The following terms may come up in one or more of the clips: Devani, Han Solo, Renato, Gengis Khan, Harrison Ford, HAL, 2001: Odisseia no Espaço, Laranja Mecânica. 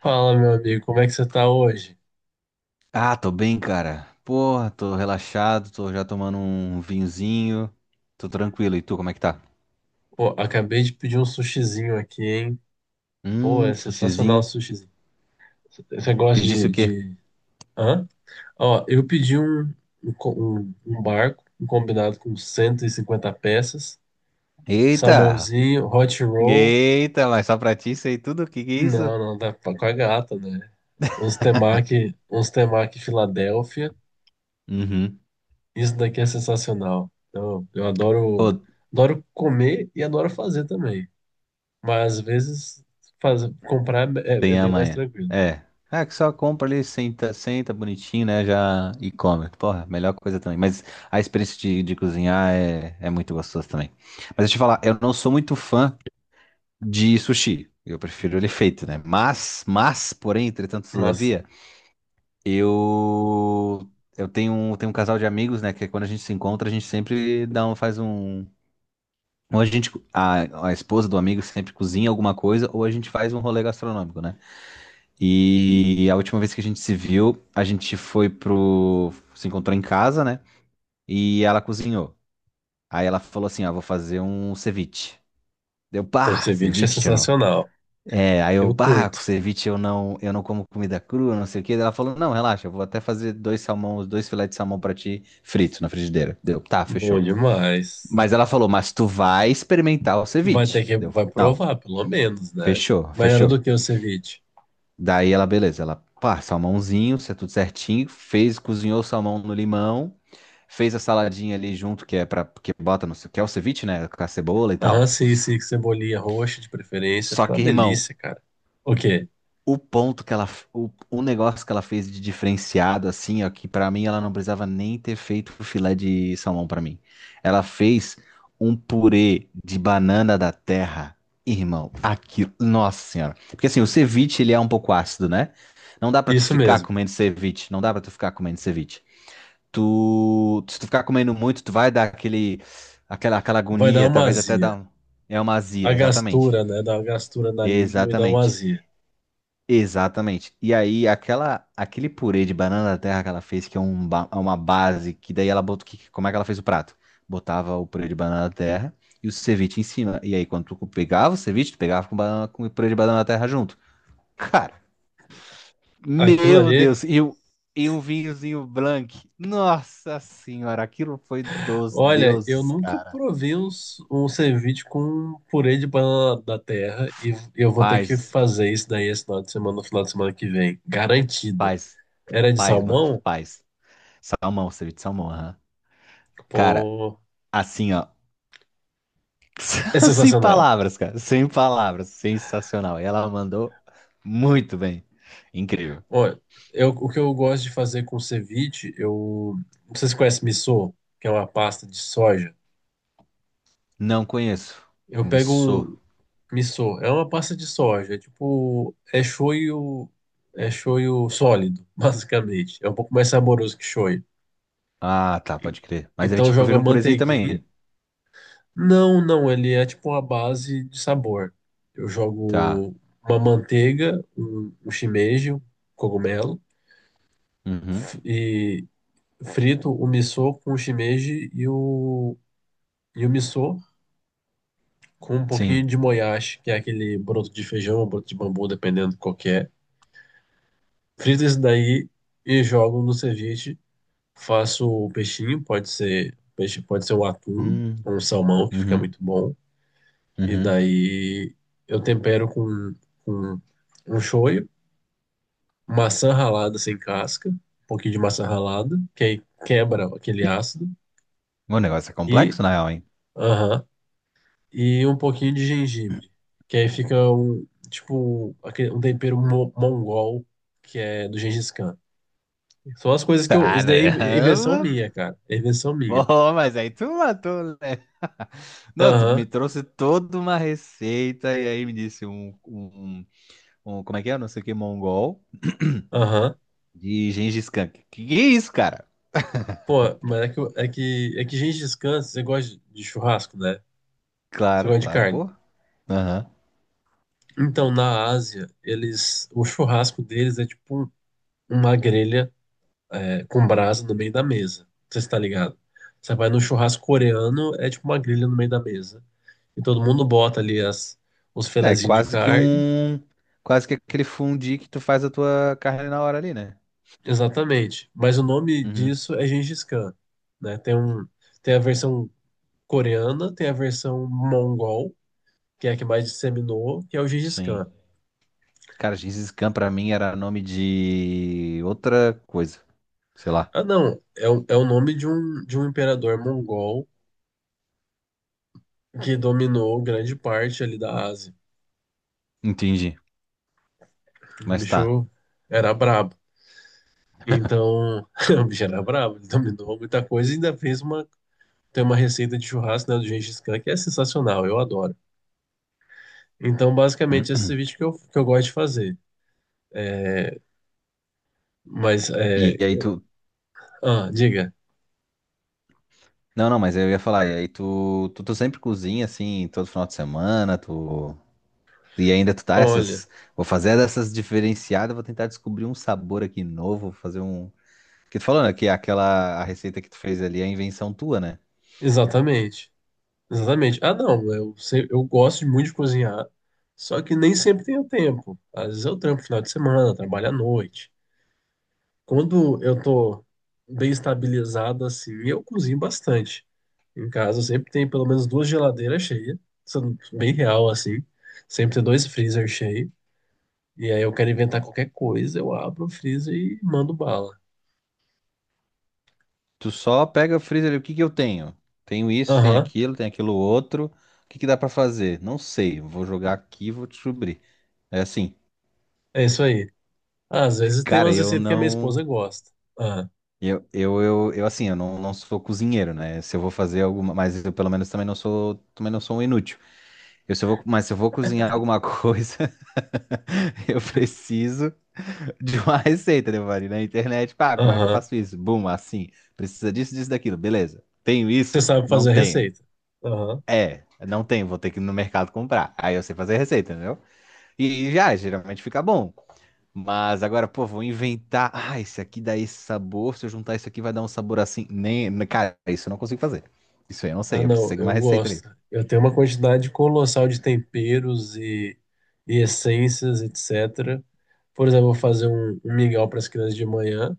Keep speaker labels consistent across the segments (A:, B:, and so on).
A: Fala, meu amigo, como é que você tá hoje?
B: Ah, tô bem, cara. Porra, tô relaxado, tô já tomando um vinhozinho. Tô tranquilo. E tu, como é que tá?
A: Pô, acabei de pedir um sushizinho aqui, hein? Pô, é sensacional o
B: Sushizinho.
A: sushizinho. Você gosta
B: Pedisse o
A: de,
B: quê?
A: de... Hã? Ó, eu pedi um barco, um combinado com 150 peças,
B: Eita!
A: salmãozinho, hot roll.
B: Eita, mas só pra ti isso aí tudo? O que que é isso?
A: Não, não, dá pra com a gata, né? Uns temaki Filadélfia.
B: Uhum.
A: Isso daqui é sensacional. Eu, eu adoro,
B: Ô,
A: adoro comer e adoro fazer também. Mas às vezes faz, comprar é
B: tem
A: bem mais
B: amanhã.
A: tranquilo.
B: É. É. Ah, que só compra ali, senta, senta bonitinho, né? Já e come. Porra, melhor coisa também. Mas a experiência de cozinhar é muito gostosa também. Mas deixa eu te falar, eu não sou muito fã de sushi. Eu prefiro ele feito, né? Mas, porém, entretanto,
A: Mas
B: todavia, eu eu tenho um casal de amigos, né? Que é quando a gente se encontra, a gente sempre dá um, faz um. Ou a gente, a esposa do amigo sempre cozinha alguma coisa, ou a gente faz um rolê gastronômico, né? E a última vez que a gente se viu, a gente foi pro. Se encontrou em casa, né? E ela cozinhou. Aí ela falou assim: Ó, vou fazer um ceviche. Deu,
A: o
B: pá,
A: ceviche é
B: ceviche.
A: sensacional.
B: É, aí eu,
A: Eu
B: bah, com
A: curto.
B: ceviche eu não como comida crua, não sei o quê. Daí ela falou, não, relaxa, eu vou até fazer dois salmão, dois filetes de salmão pra ti, frito na frigideira. Deu, tá,
A: Bom
B: fechou.
A: demais.
B: Mas ela falou, mas tu vai experimentar o
A: Vai
B: ceviche.
A: ter que,
B: Deu,
A: vai
B: não,
A: provar, pelo menos, né? Mas era
B: fechou.
A: do que o ceviche?
B: Daí ela, beleza, ela, pá, salmãozinho, isso é tudo certinho, fez, cozinhou o salmão no limão, fez a saladinha ali junto, que é pra, que bota, não sei o que, é o ceviche, né, com a cebola e
A: Aham,
B: tal.
A: sim, sim, com cebolinha roxa de preferência.
B: Só
A: Fica uma
B: que, irmão,
A: delícia, cara. Ok,
B: O ponto que ela, o negócio que ela fez de diferenciado, assim, ó, que pra mim ela não precisava nem ter feito o filé de salmão pra mim. Ela fez um purê de banana da terra. Irmão, aquilo, nossa senhora. Porque assim, o ceviche, ele é um pouco ácido, né? Não dá pra tu
A: isso
B: ficar
A: mesmo.
B: comendo ceviche, não dá pra tu ficar comendo ceviche. Tu, se tu ficar comendo muito, tu vai dar aquele, aquela
A: Vai dar
B: agonia,
A: uma
B: talvez até dar,
A: azia.
B: é uma azia,
A: A
B: exatamente.
A: gastura, né? Dá uma gastura na língua e dá uma
B: Exatamente.
A: azia.
B: Exatamente. E aí, aquele purê de banana da terra que ela fez, que é um é uma base, que daí ela botou. Como é que ela fez o prato? Botava o purê de banana da terra e o ceviche em cima. E aí, quando tu pegava o ceviche, tu pegava com, banana, com o purê de banana da terra junto. Cara,
A: Aquilo
B: meu
A: ali
B: Deus! E um vinhozinho blanc. Nossa Senhora, aquilo foi dos
A: Olha, eu
B: deuses,
A: nunca
B: cara.
A: provei um ceviche com purê de banana da terra e eu vou ter que
B: Faz,
A: fazer isso daí esse final de semana, no final de semana que vem. Garantido.
B: faz,
A: Era de
B: faz, mano,
A: salmão?
B: faz. Salmão, ceviche de salmão, aham. Cara,
A: Pô,
B: assim, ó.
A: é
B: Sem
A: sensacional.
B: palavras, cara. Sem palavras. Sensacional. E ela mandou muito bem. Incrível.
A: Olha, o que eu gosto de fazer com ceviche, eu. Não sei se você conhece missô, que é uma pasta de soja.
B: Não conheço.
A: Eu pego
B: Missô.
A: um missô, é uma pasta de soja, é tipo. É shoyu sólido, basicamente. É um pouco mais saboroso que shoyu.
B: Ah, tá,
A: E-
B: pode crer. Mas aí
A: Então eu
B: te
A: jogo a
B: prefiro um purezinho
A: manteiguinha.
B: também.
A: Não, não, ele é tipo uma base de sabor. Eu
B: Tá.
A: jogo uma manteiga, um shimeji, um cogumelo,
B: Uhum.
A: e frito o miso com o shimeji e o miso com um pouquinho
B: Sim.
A: de moyashi, que é aquele broto de feijão ou broto de bambu, dependendo qual que é. Frito isso daí e jogo no ceviche. Faço o peixinho, pode ser peixe, pode ser o atum,
B: Hum.
A: ou um salmão, que fica
B: Uhum.
A: muito bom. E
B: Uhum.
A: daí eu tempero com um shoyu, maçã ralada sem casca, um pouquinho de maçã ralada, que aí quebra aquele ácido,
B: O negócio é
A: e,
B: complexo, na real, hein?
A: aham, e um pouquinho de gengibre, que aí fica um, tipo, um tempero mongol, que é do Gengis Khan. São as coisas isso daí é invenção
B: Caramba!
A: minha, cara, é invenção minha.
B: Pô, mas aí tu matou, né? Não, tu
A: Aham,
B: me trouxe toda uma receita e aí me disse um como é que é? Não sei o que, mongol.
A: aham.
B: De Gengis Khan. Que é isso, cara?
A: Pô, mas é que, eu- é que Gengis Khan, você gosta de churrasco, né? Você
B: Claro,
A: gosta de
B: claro,
A: carne.
B: pô. Aham.
A: Então, na Ásia, o churrasco deles é tipo uma grelha com brasa no meio da mesa. Você está ligado? Você vai no churrasco coreano, é tipo uma grelha no meio da mesa. E todo mundo bota ali os
B: É
A: filezinhos de
B: quase que
A: carne.
B: um. Quase que aquele fundi que tu faz a tua carne na hora ali, né?
A: Exatamente. Mas o nome
B: Uhum.
A: disso é Gengis Khan, né? Tem a versão coreana, tem a versão mongol, que é a que mais disseminou, que é o Gengis
B: Sim.
A: Khan.
B: Cara, Gengis Khan pra mim era nome de outra coisa. Sei lá.
A: Ah, não, é o nome de um imperador mongol que dominou grande parte ali da Ásia.
B: Entendi.
A: O
B: Mas tá.
A: bicho era brabo. Então, o bicho era brabo, ele dominou muita coisa e ainda tem uma receita de churrasco, né, do Gengis Khan, que é sensacional, eu adoro. Então, basicamente, esse vídeo que eu gosto de fazer. Mas, é.
B: E aí tu.
A: Ah, diga.
B: Não, não, mas eu ia falar. E aí tu. Tu sempre cozinha assim, todo final de semana, tu. E ainda tu tá
A: Olha,
B: essas. Vou fazer dessas diferenciadas, vou tentar descobrir um sabor aqui novo, vou fazer um. Que tu falou, né? Que aquela a receita que tu fez ali é a invenção tua, né?
A: exatamente. Exatamente. Ah, não, eu gosto muito de cozinhar, só que nem sempre tenho tempo. Às vezes eu trampo final de semana, trabalho à noite. Quando eu tô bem estabilizado assim, eu cozinho bastante. Em casa eu sempre tem pelo menos duas geladeiras cheias, sendo bem real assim. Sempre tem dois freezer cheios. E aí eu quero inventar qualquer coisa, eu abro o freezer e mando bala.
B: Tu só pega, frisa ali, o que que eu tenho? Tenho isso,
A: Aham,
B: tenho aquilo outro. O que que dá pra fazer? Não sei. Vou jogar aqui, e vou descobrir. É assim,
A: é isso aí. Ah, às vezes tem
B: cara,
A: umas
B: eu
A: receitas que a minha
B: não.
A: esposa gosta. Ah.
B: Eu assim, eu não, não sou cozinheiro, né? Se eu vou fazer alguma. Mas eu pelo menos também não sou um inútil. Eu, se eu vou, mas se eu vou cozinhar alguma coisa. Eu preciso de uma receita, Devani, na internet. Pá, como é que eu
A: Aham.
B: faço isso? Bum, assim. Precisa disso, disso, daquilo. Beleza. Tenho
A: Você
B: isso?
A: sabe
B: Não
A: fazer a
B: tenho.
A: receita. Aham.
B: É, não tenho. Vou ter que ir no mercado comprar. Aí eu sei fazer a receita, entendeu? E já, geralmente fica bom. Mas agora, pô, vou inventar. Ah, esse aqui dá esse sabor. Se eu juntar isso aqui, vai dar um sabor assim. Nem, cara, isso eu não consigo fazer. Isso aí eu não
A: Ah,
B: sei. Eu preciso
A: não,
B: seguir uma
A: eu
B: receita ali.
A: gosto. Eu tenho uma quantidade colossal de temperos e essências, etc. Por exemplo, eu vou fazer um mingau para as crianças de manhã.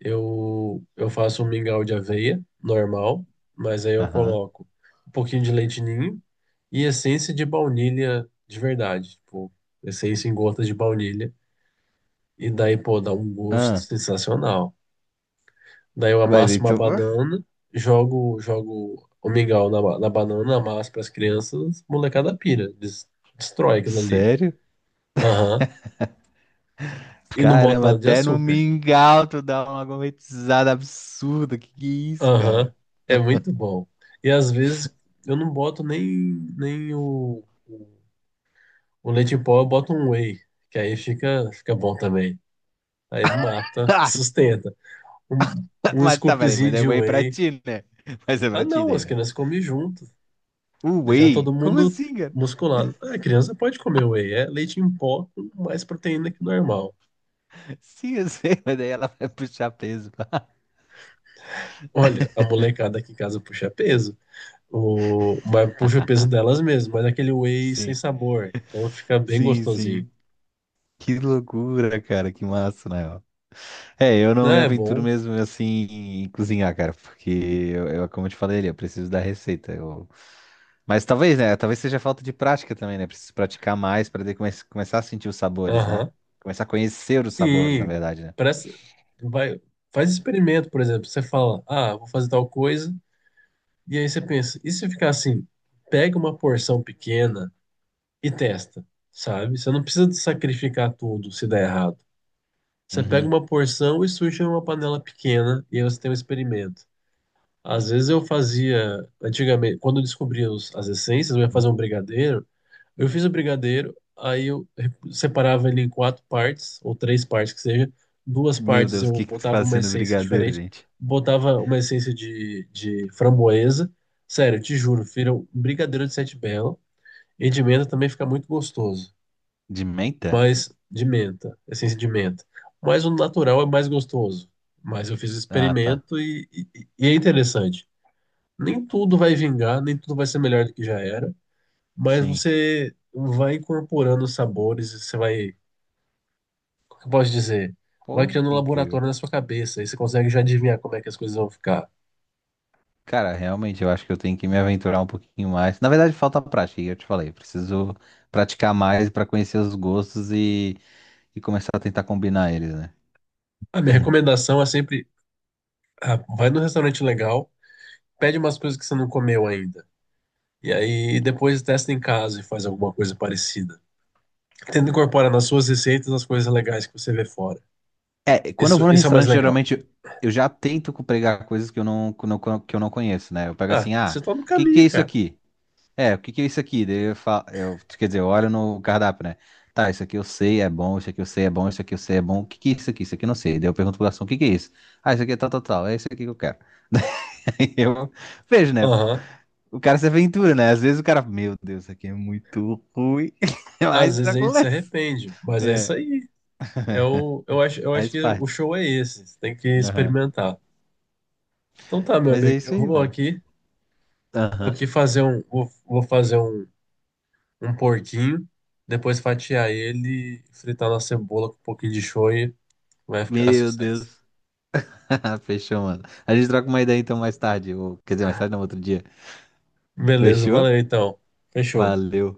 A: Eu faço um mingau de aveia, normal, mas aí eu
B: Aham.
A: coloco um pouquinho de leite ninho e essência de baunilha de verdade, tipo, essência em gotas de baunilha. E daí, pô, dá um gosto
B: Ah,
A: sensacional. Daí eu
B: mas
A: amasso uma
B: então.
A: banana, jogo o mingau na banana, amasso para as crianças, molecada pira, destrói aquilo ali.
B: Sério?
A: Aham. E não boto
B: Caramba,
A: nada de
B: até no
A: açúcar.
B: mingau tu dá uma gourmetizada absurda. Que é isso,
A: Aham.
B: cara?
A: É muito bom. E às vezes eu não boto nem o leite em pó, eu boto um whey, que aí fica bom também. Aí mata,
B: Ah,
A: sustenta. Um,
B: tá,
A: um
B: mas tá, peraí,
A: scoopzinho
B: mas é
A: de
B: whey pra
A: whey.
B: ti, né? Mas é
A: Ah,
B: pra ti
A: não,
B: daí,
A: as
B: né?
A: crianças comem junto.
B: O
A: Deixar todo
B: whey? Como
A: mundo
B: assim, cara?
A: musculado. Ah, a criança pode comer whey, é leite em pó com mais proteína que o normal.
B: Sim, eu sei, mas daí ela vai puxar peso.
A: Olha, a molecada aqui em casa puxa peso, mas puxa o peso delas mesmas, mas é aquele whey sem
B: Sim,
A: sabor, então fica bem
B: sim,
A: gostosinho.
B: sim. Que loucura, cara, que massa, né? Ó. É, eu não
A: Não,
B: me
A: é
B: aventuro
A: bom.
B: mesmo assim em cozinhar, cara, porque como eu te falei, ali, eu preciso da receita. Eu, mas talvez, né? Talvez seja falta de prática também, né? Preciso praticar mais para daí começar a sentir os sabores, né?
A: Aham.
B: Começar a conhecer os sabores, na
A: Sim.
B: verdade, né?
A: Presta... Vai... Faz experimento, por exemplo. Você fala, ah, vou fazer tal coisa, e aí você pensa, e se ficar assim? Pega uma porção pequena e testa, sabe? Você não precisa de sacrificar tudo se der errado. Você pega
B: Uhum.
A: uma porção e suja em uma panela pequena e aí você tem um experimento. Às vezes eu fazia, antigamente, quando eu descobria as essências, eu ia fazer um brigadeiro. Eu fiz o brigadeiro, aí eu separava ele em quatro partes, ou três partes que seja. Duas
B: Meu
A: partes
B: Deus, o
A: eu
B: que que tu
A: botava
B: faz
A: uma
B: sendo
A: essência
B: brigadeiro,
A: diferente,
B: gente?
A: botava uma essência de framboesa. Sério, te juro, vira um brigadeiro de sete belo. E de menta também fica muito gostoso.
B: De menta?
A: Mas de menta, essência de menta. Mas o natural é mais gostoso. Mas eu fiz o
B: Ah, tá.
A: experimento e é interessante. Nem tudo vai vingar, nem tudo vai ser melhor do que já era, mas
B: Sim.
A: você vai incorporando os sabores, como que eu posso dizer? Vai
B: Pô,
A: criando um
B: que incrível.
A: laboratório na sua cabeça e você consegue já adivinhar como é que as coisas vão ficar.
B: Cara, realmente eu acho que eu tenho que me aventurar um pouquinho mais. Na verdade, falta prática, e eu te falei. Preciso praticar mais para conhecer os gostos e começar a tentar combinar eles, né?
A: A minha recomendação é sempre, ah, vai num restaurante legal, pede umas coisas que você não comeu ainda. E aí depois testa em casa e faz alguma coisa parecida. Tenta incorporar nas suas receitas as coisas legais que você vê fora.
B: É, quando eu
A: Isso,
B: vou no
A: isso é o mais
B: restaurante,
A: legal.
B: geralmente eu já tento pegar coisas que eu não conheço, né? Eu pego
A: Ah,
B: assim, ah,
A: você tá no
B: o que que é
A: caminho,
B: isso
A: cara.
B: aqui? É, o que que é isso aqui? Daí eu falo, eu, quer dizer, eu olho no cardápio, né? Tá, isso aqui eu sei é bom, isso aqui eu sei é bom, isso aqui eu sei é bom, o que que é isso aqui? Isso aqui eu não sei. Daí eu pergunto pro garçom, o que que é isso? Ah, isso aqui é tal, tal, tal, é isso aqui que eu quero. Aí eu vejo, né?
A: Aham.
B: O cara se aventura, né? Às vezes o cara, meu Deus, isso aqui é muito ruim,
A: Às
B: mas
A: vezes a gente se
B: acontece.
A: arrepende, mas é isso
B: É,
A: aí. Eu acho
B: faz
A: que o
B: parte.
A: show é esse. Você tem que
B: Aham.
A: experimentar. Então tá, meu
B: Mas é
A: amigo.
B: isso
A: Eu
B: aí,
A: vou
B: mano.
A: aqui, vou
B: Aham.
A: aqui fazer um porquinho, depois fatiar ele, fritar na cebola com um pouquinho de show e vai ficar
B: Meu
A: sucesso.
B: Deus. Fechou, mano. A gente troca uma ideia então mais tarde. Ou, quer dizer, mais tarde não, outro dia.
A: Beleza,
B: Fechou?
A: valeu então. Fechou.
B: Valeu.